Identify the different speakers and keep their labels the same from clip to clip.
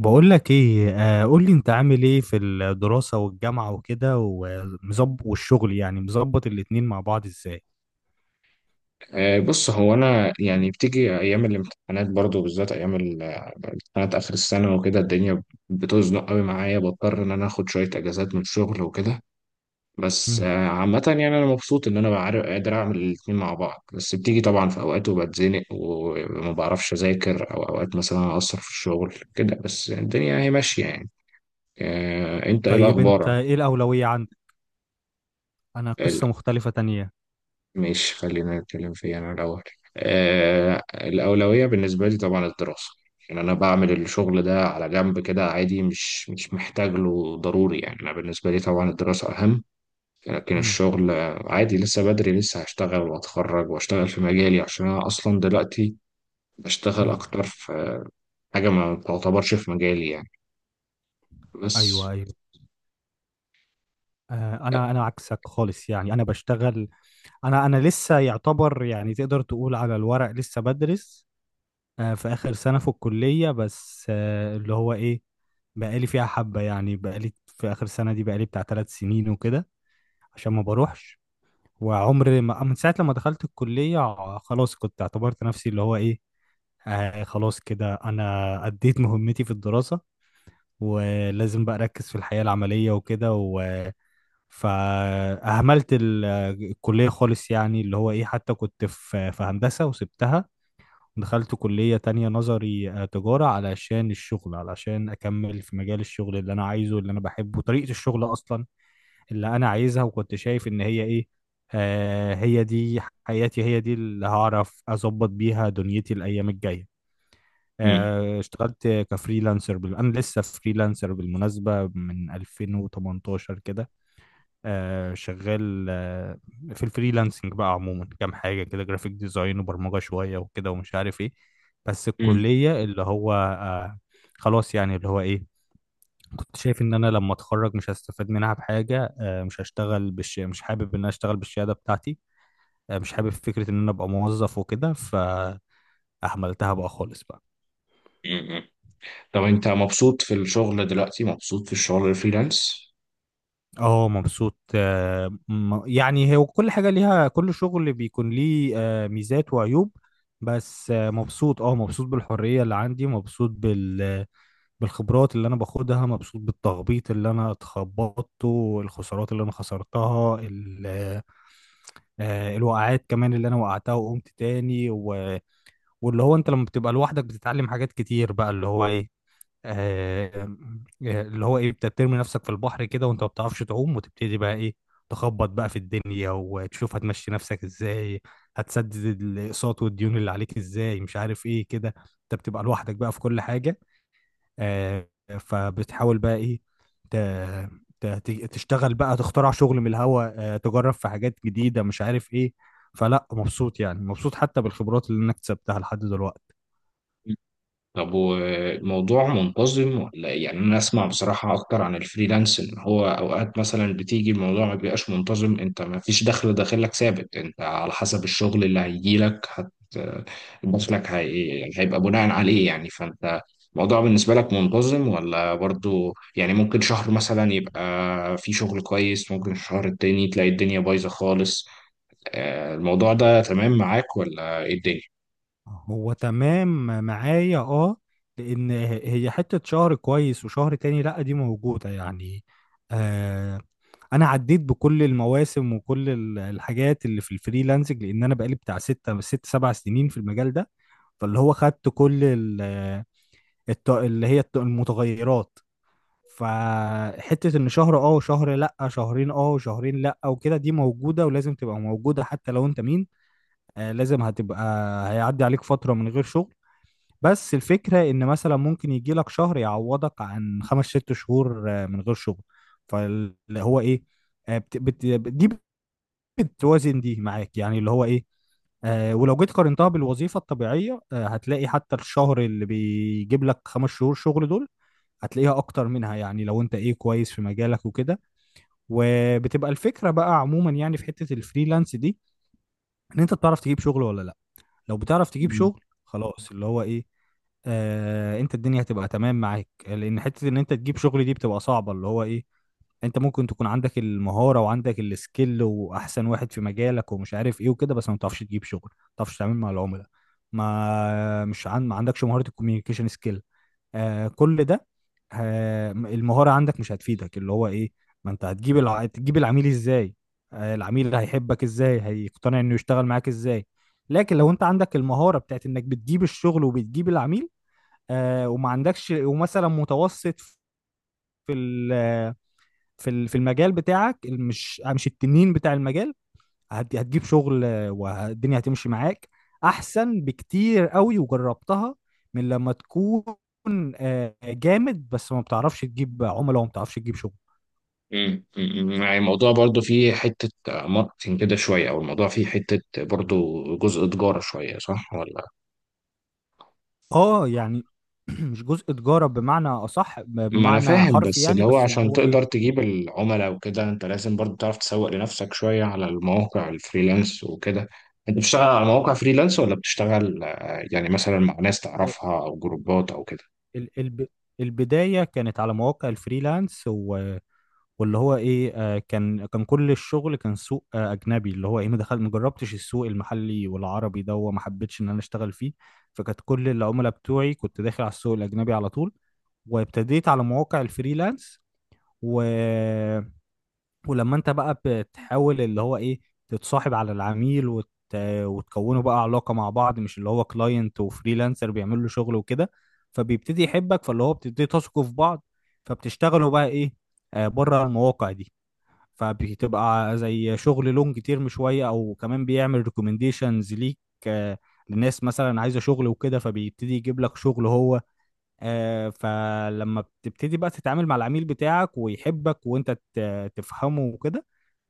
Speaker 1: بقول لك ايه، قول لي انت عامل ايه في الدراسة والجامعة وكده ومظبط، والشغل يعني مظبط الاتنين مع بعض ازاي؟
Speaker 2: بص، هو انا يعني بتيجي ايام الامتحانات برضو، بالذات ايام امتحانات اخر السنه وكده. الدنيا بتزنق قوي معايا، بضطر ان انا اخد شويه اجازات من الشغل وكده. بس
Speaker 1: مم.
Speaker 2: آه، عامه يعني انا مبسوط ان انا بعرف قادر اعمل الاتنين مع بعض. بس بتيجي طبعا في اوقات وبتزنق وما بعرفش اذاكر، او اوقات مثلا اقصر في الشغل كده، بس الدنيا هي ماشيه يعني. انت ايه
Speaker 1: طيب انت
Speaker 2: الاخبار؟
Speaker 1: ايه الأولوية عندك؟ انا قصة مختلفة تانية.
Speaker 2: ماشي، خلينا نتكلم فيها أنا الأول. آه الأولوية بالنسبة لي طبعا الدراسة. يعني أنا بعمل الشغل ده على جنب كده عادي، مش محتاج له ضروري. يعني أنا بالنسبة لي طبعا الدراسة أهم. لكن
Speaker 1: مم.
Speaker 2: الشغل عادي، لسه بدري، لسه هشتغل وأتخرج وأشتغل في مجالي، عشان أنا أصلا دلوقتي بشتغل
Speaker 1: مم.
Speaker 2: أكتر في حاجة ما تعتبرش في مجالي يعني بس.
Speaker 1: ايوه، ايوه. انا عكسك خالص، يعني انا بشتغل. انا لسه يعتبر، يعني تقدر تقول على الورق لسه بدرس. في اخر سنة في الكلية، بس اللي هو ايه، بقالي فيها حبة، يعني بقالي في اخر سنة دي بقالي بتاع 3 سنين وكده، عشان ما بروحش. وعمري ما، من ساعة لما دخلت الكلية خلاص، كنت اعتبرت نفسي اللي هو ايه، خلاص كده انا اديت مهمتي في الدراسة، ولازم بقى اركز في الحياة العملية وكده و فأهملت الكلية خالص، يعني اللي هو ايه، حتى كنت في هندسة وسبتها، ودخلت كلية تانية نظري، تجارة، علشان الشغل، علشان أكمل في مجال الشغل اللي أنا عايزه، اللي أنا بحبه، طريقة الشغل أصلا اللي انا عايزها. وكنت شايف ان هي ايه، هي دي حياتي، هي دي اللي هعرف اظبط بيها دنيتي الايام الجايه.
Speaker 2: مم.
Speaker 1: اشتغلت كفريلانسر انا لسه فريلانسر بالمناسبه من 2018 كده. شغال، في الفريلانسنج بقى عموما كام حاجه كده، جرافيك ديزاين وبرمجه شويه وكده ومش عارف ايه. بس
Speaker 2: مم.
Speaker 1: الكليه اللي هو خلاص، يعني اللي هو ايه، كنت شايف ان انا لما اتخرج مش هستفاد منها بحاجه، آه، مش هشتغل بالش... مش حابب ان انا اشتغل بالشهاده بتاعتي. مش حابب فكره ان انا ابقى موظف وكده، فاهملتها بقى خالص بقى.
Speaker 2: مم. طب أنت مبسوط في الشغل دلوقتي؟ مبسوط في الشغل الفريلانس؟
Speaker 1: اه، مبسوط، يعني هي كل حاجه ليها، كل شغل بيكون ليه ميزات وعيوب. بس مبسوط بالحريه اللي عندي، مبسوط بالخبرات اللي انا باخدها، مبسوط بالتخبيط اللي انا اتخبطته، الخسارات اللي انا خسرتها الوقعات كمان اللي انا وقعتها وقمت تاني واللي هو انت لما بتبقى لوحدك بتتعلم حاجات كتير بقى اللي هو ايه. آه... اللي هو ايه، بترمي نفسك في البحر كده وانت ما بتعرفش تعوم، وتبتدي بقى ايه، تخبط بقى في الدنيا وتشوف هتمشي نفسك ازاي، هتسدد الاقساط والديون اللي عليك ازاي، مش عارف ايه كده. انت بتبقى لوحدك بقى في كل حاجة. آه، فبتحاول بقى ايه ت- تشتغل بقى، تخترع شغل من الهوا، تجرب في حاجات جديدة، مش عارف ايه. فلا، مبسوط يعني، مبسوط حتى بالخبرات اللي انا اكتسبتها لحد دلوقتي.
Speaker 2: طب والموضوع منتظم ولا إيه؟ يعني انا اسمع بصراحة اكتر عن الفريلانس ان هو اوقات مثلا بتيجي الموضوع ما بيبقاش منتظم. انت ما فيش دخل داخلك ثابت، انت على حسب الشغل اللي هيجيلك هت دخلك هي هيبقى بناء عليه يعني، فانت الموضوع بالنسبة لك منتظم ولا برضو؟ يعني ممكن شهر مثلا يبقى في شغل كويس، ممكن الشهر التاني تلاقي الدنيا بايظة خالص. الموضوع ده تمام معاك ولا ايه الدنيا؟
Speaker 1: هو تمام معايا، اه، لان هي حتة شهر كويس وشهر تاني لا، دي موجودة يعني. آه انا عديت بكل المواسم وكل الحاجات اللي في الفريلانسنج، لان انا بقالي بتاع ستة ست سبع سنين في المجال ده. فاللي هو خدت كل ال- الت... اللي هي الت... المتغيرات. فحتة ان شهر اه وشهر لا، شهرين اه وشهرين لا وكده، دي موجودة ولازم تبقى موجودة حتى لو انت مين. لازم هتبقى، هيعدي عليك فترة من غير شغل. بس الفكرة ان مثلا ممكن يجي لك شهر يعوضك عن خمس ست شهور من غير شغل. فاللي هو ايه، آه بت... بت... دي بتوازن دي معاك، يعني اللي هو ايه. ولو جيت قارنتها بالوظيفة الطبيعية، هتلاقي حتى الشهر اللي بيجيب لك 5 شهور شغل دول، هتلاقيها اكتر منها، يعني لو انت ايه، كويس في مجالك وكده. وبتبقى الفكره بقى عموما، يعني في حته الفريلانس دي، ان انت بتعرف تجيب شغل ولا لا. لو بتعرف تجيب شغل، خلاص اللي هو ايه، انت الدنيا هتبقى تمام معاك، لان حته ان انت تجيب شغل دي بتبقى صعبه اللي هو ايه. انت ممكن تكون عندك المهاره وعندك السكيل واحسن واحد في مجالك ومش عارف ايه وكده، بس ما بتعرفش تجيب شغل، ما بتعرفش تتعامل مع العملاء، ما مش عن... ما عندكش مهاره الكوميونيكيشن سكيل. كل ده، المهارة عندك مش هتفيدك، اللي هو ايه، ما انت تجيب العميل ازاي، العميل هيحبك ازاي، هيقتنع انه يشتغل معاك ازاي؟ لكن لو انت عندك المهارة بتاعت انك بتجيب الشغل وبتجيب العميل، وما عندكش، ومثلا متوسط في ال... في المجال بتاعك، مش التنين بتاع المجال، هتجيب شغل، والدنيا هتمشي معاك احسن بكتير قوي، وجربتها من لما تكون جامد بس ما بتعرفش تجيب عملاء وما بتعرفش تجيب شغل.
Speaker 2: مم. مم. يعني الموضوع برضو فيه حتة ماركتينج كده شوية، أو الموضوع فيه حتة برضو جزء تجارة شوية، صح ولا؟
Speaker 1: اه يعني مش جزء تجارة بمعنى أصح،
Speaker 2: ما أنا
Speaker 1: بمعنى
Speaker 2: فاهم،
Speaker 1: حرفي
Speaker 2: بس اللي
Speaker 1: يعني.
Speaker 2: هو
Speaker 1: بس اللي
Speaker 2: عشان
Speaker 1: هو إيه،
Speaker 2: تقدر تجيب العملاء وكده أنت لازم برضو تعرف تسوق لنفسك شوية على المواقع الفريلانس وكده. أنت بتشتغل على مواقع فريلانس ولا بتشتغل يعني مثلا مع ناس
Speaker 1: آه،
Speaker 2: تعرفها أو جروبات أو كده؟
Speaker 1: ال- الب- البداية كانت على مواقع الفريلانس. واللي هو ايه، كان كل الشغل كان سوق اجنبي، اللي هو ايه، ما دخل، ما جربتش السوق المحلي والعربي ده، وما حبيتش ان انا اشتغل فيه. فكانت كل العملاء بتوعي كنت داخل على السوق الاجنبي على طول. وابتديت على مواقع الفريلانس. و... ولما انت بقى بتحاول اللي هو ايه، تتصاحب على العميل وتكونوا بقى علاقة مع بعض، مش اللي هو كلاينت وفريلانسر بيعمل له شغل وكده. فبيبتدي يحبك، فاللي هو بتبتدي تثقوا في بعض، فبتشتغلوا بقى ايه، بره المواقع دي. فبتبقى زي شغل لونج تيرم شويه، او كمان بيعمل ريكومنديشنز ليك، آه، لناس مثلا عايزه شغل وكده، فبيبتدي يجيب لك شغل هو. فلما بتبتدي بقى تتعامل مع العميل بتاعك ويحبك، وانت تفهمه وكده،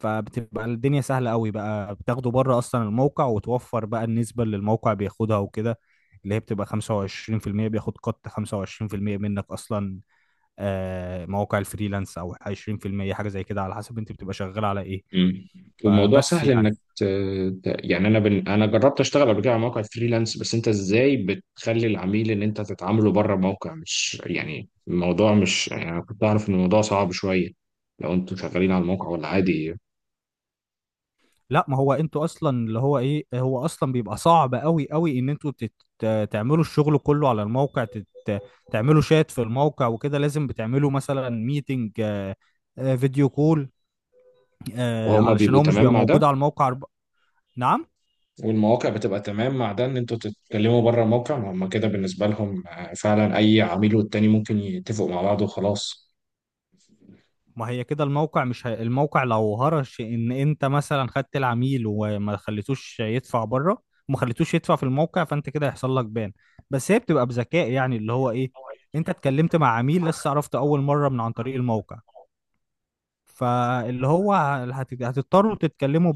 Speaker 1: فبتبقى الدنيا سهله قوي بقى، بتاخده بره اصلا الموقع، وتوفر بقى النسبه اللي الموقع بياخدها وكده، اللي هي بتبقى 25%. بياخد قط 25% منك اصلا، مواقع الفريلانس، او 20% حاجه زي كده، على حسب انت بتبقى شغال على ايه.
Speaker 2: مم. والموضوع
Speaker 1: فبس
Speaker 2: سهل انك
Speaker 1: يعني.
Speaker 2: يعني انا جربت اشتغل قبل كده على موقع فريلانس، بس انت ازاي بتخلي العميل ان انت تتعامله بره الموقع؟ مش يعني الموضوع، مش يعني انا كنت اعرف ان الموضوع صعب شويه، لو انتوا شغالين على الموقع ولا عادي؟
Speaker 1: لا، ما هو انتوا اصلا اللي هو ايه، هو اصلا بيبقى صعب قوي قوي ان انتوا تعملوا الشغل كله على الموقع، تعملوا شات في الموقع وكده، لازم بتعملوا مثلا ميتنج، فيديو كول،
Speaker 2: وهما
Speaker 1: علشان
Speaker 2: بيبقوا
Speaker 1: هو مش
Speaker 2: تمام
Speaker 1: بيبقى
Speaker 2: مع ده؟
Speaker 1: موجود على الموقع نعم.
Speaker 2: والمواقع بتبقى تمام مع ده ان انتوا تتكلموا بره الموقع؟ ما هما كده بالنسبه لهم فعلا، اي عميل والتاني ممكن يتفقوا مع بعض وخلاص.
Speaker 1: ما هي كده الموقع مش هي... الموقع، لو هرش ان انت مثلا خدت العميل وما خليتوش يدفع بره، وما خليتوش يدفع في الموقع، فانت كده هيحصل لك بان. بس هي بتبقى بذكاء، يعني اللي هو ايه، انت اتكلمت مع عميل لسه عرفت اول مره من عن طريق الموقع، فاللي هو هتضطروا تتكلموا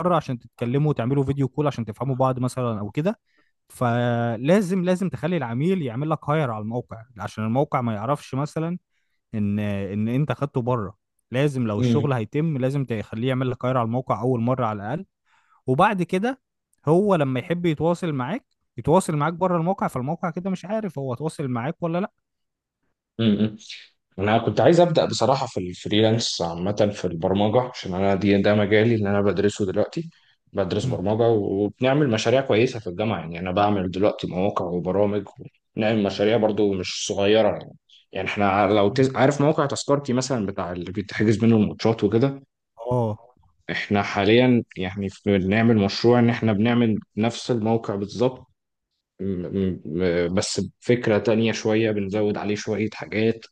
Speaker 1: بره، عشان تتكلموا وتعملوا فيديو كول عشان تفهموا بعض مثلا او كده. فلازم، لازم تخلي العميل يعمل لك هاير على الموقع، عشان الموقع ما يعرفش مثلا ان انت خدته بره. لازم لو
Speaker 2: مم.
Speaker 1: الشغل هيتم لازم تخليه يعمل لك كاير على الموقع اول مره على الاقل. وبعد كده، هو لما يحب يتواصل معاك، يتواصل معاك بره الموقع، فالموقع كده مش عارف هو تواصل معاك ولا لا.
Speaker 2: مم. انا كنت عايز ابدا بصراحه في الفريلانس عامه، في البرمجه، عشان انا دي ده مجالي اللي انا بدرسه دلوقتي. بدرس
Speaker 1: مم.
Speaker 2: برمجه وبنعمل مشاريع كويسه في الجامعه. يعني انا بعمل دلوقتي مواقع وبرامج، ونعمل مشاريع برضو مش صغيره يعني. يعني احنا لو
Speaker 1: مم.
Speaker 2: عارف موقع تذكرتي مثلا بتاع اللي بتحجز منه الماتشات وكده؟
Speaker 1: اه.
Speaker 2: احنا حاليا يعني بنعمل مشروع ان احنا بنعمل نفس الموقع بالظبط. م- بس بفكرة تانية شوية، بنزود عليه شوية حاجات،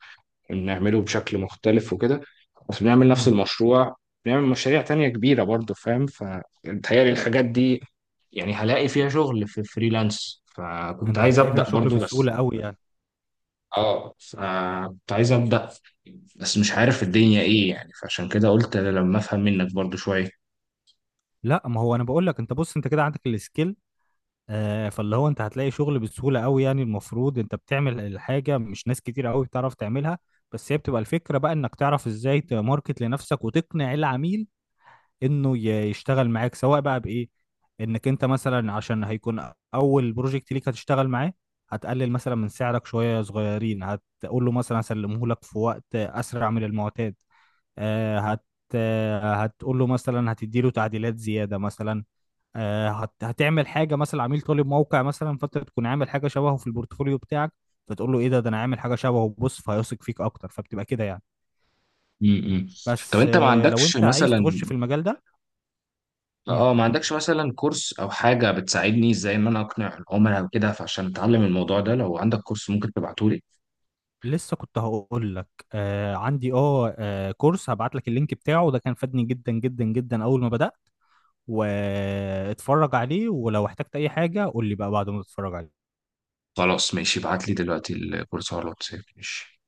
Speaker 2: نعمله بشكل مختلف وكده، بس بنعمل نفس
Speaker 1: مم.
Speaker 2: المشروع. بنعمل مشاريع تانية كبيرة برضه فاهم. فبتهيألي الحاجات دي، يعني هلاقي فيها شغل في فريلانس، فكنت
Speaker 1: انت
Speaker 2: عايز
Speaker 1: هتلاقي فيها
Speaker 2: أبدأ
Speaker 1: شغل
Speaker 2: برضه
Speaker 1: بسهوله
Speaker 2: بس.
Speaker 1: قوي يعني.
Speaker 2: اه فكنت عايز أبدأ، بس مش عارف الدنيا ايه يعني، فعشان كده قلت لما افهم منك برضه شوية.
Speaker 1: لا، ما هو انا بقول لك، انت بص انت كده عندك السكيل، فاللي هو انت هتلاقي شغل بسهوله قوي يعني. المفروض انت بتعمل الحاجه مش ناس كتير قوي بتعرف تعملها. بس هي بتبقى الفكره بقى انك تعرف ازاي تماركت لنفسك وتقنع العميل انه يشتغل معاك، سواء بقى بايه، انك انت مثلا، عشان هيكون اول بروجكت ليك هتشتغل معاه، هتقلل مثلا من سعرك شويه صغيرين، هتقول له مثلا هسلمه لك في وقت اسرع من المعتاد، آه، هت آه، هتقول له مثلا هتدي له تعديلات زياده مثلا. هتعمل حاجه مثلا عميل طالب موقع مثلا، فانت تكون عامل حاجه شبهه في البورتفوليو بتاعك، فتقول له ايه ده، ده انا عامل حاجه شبهه بص، فهيثق فيك اكتر، فبتبقى كده يعني.
Speaker 2: امم طب
Speaker 1: بس
Speaker 2: انت ما
Speaker 1: لو
Speaker 2: عندكش
Speaker 1: انت عايز
Speaker 2: مثلا،
Speaker 1: تخش في المجال ده. مم.
Speaker 2: اه ما عندكش مثلا كورس او حاجة بتساعدني ازاي ان انا اقنع العملاء وكده، فعشان اتعلم الموضوع ده لو عندك كورس ممكن تبعته لي؟
Speaker 1: لسه كنت هقول لك، عندي، كورس هبعت لك اللينك بتاعه، ده كان فادني جدا جدا جدا اول ما بدأت. واتفرج عليه، ولو احتجت اي حاجة قول لي بقى بعد ما تتفرج
Speaker 2: خلاص
Speaker 1: عليه.
Speaker 2: ماشي، ابعت لي دلوقتي الكورس على الواتساب، ماشي.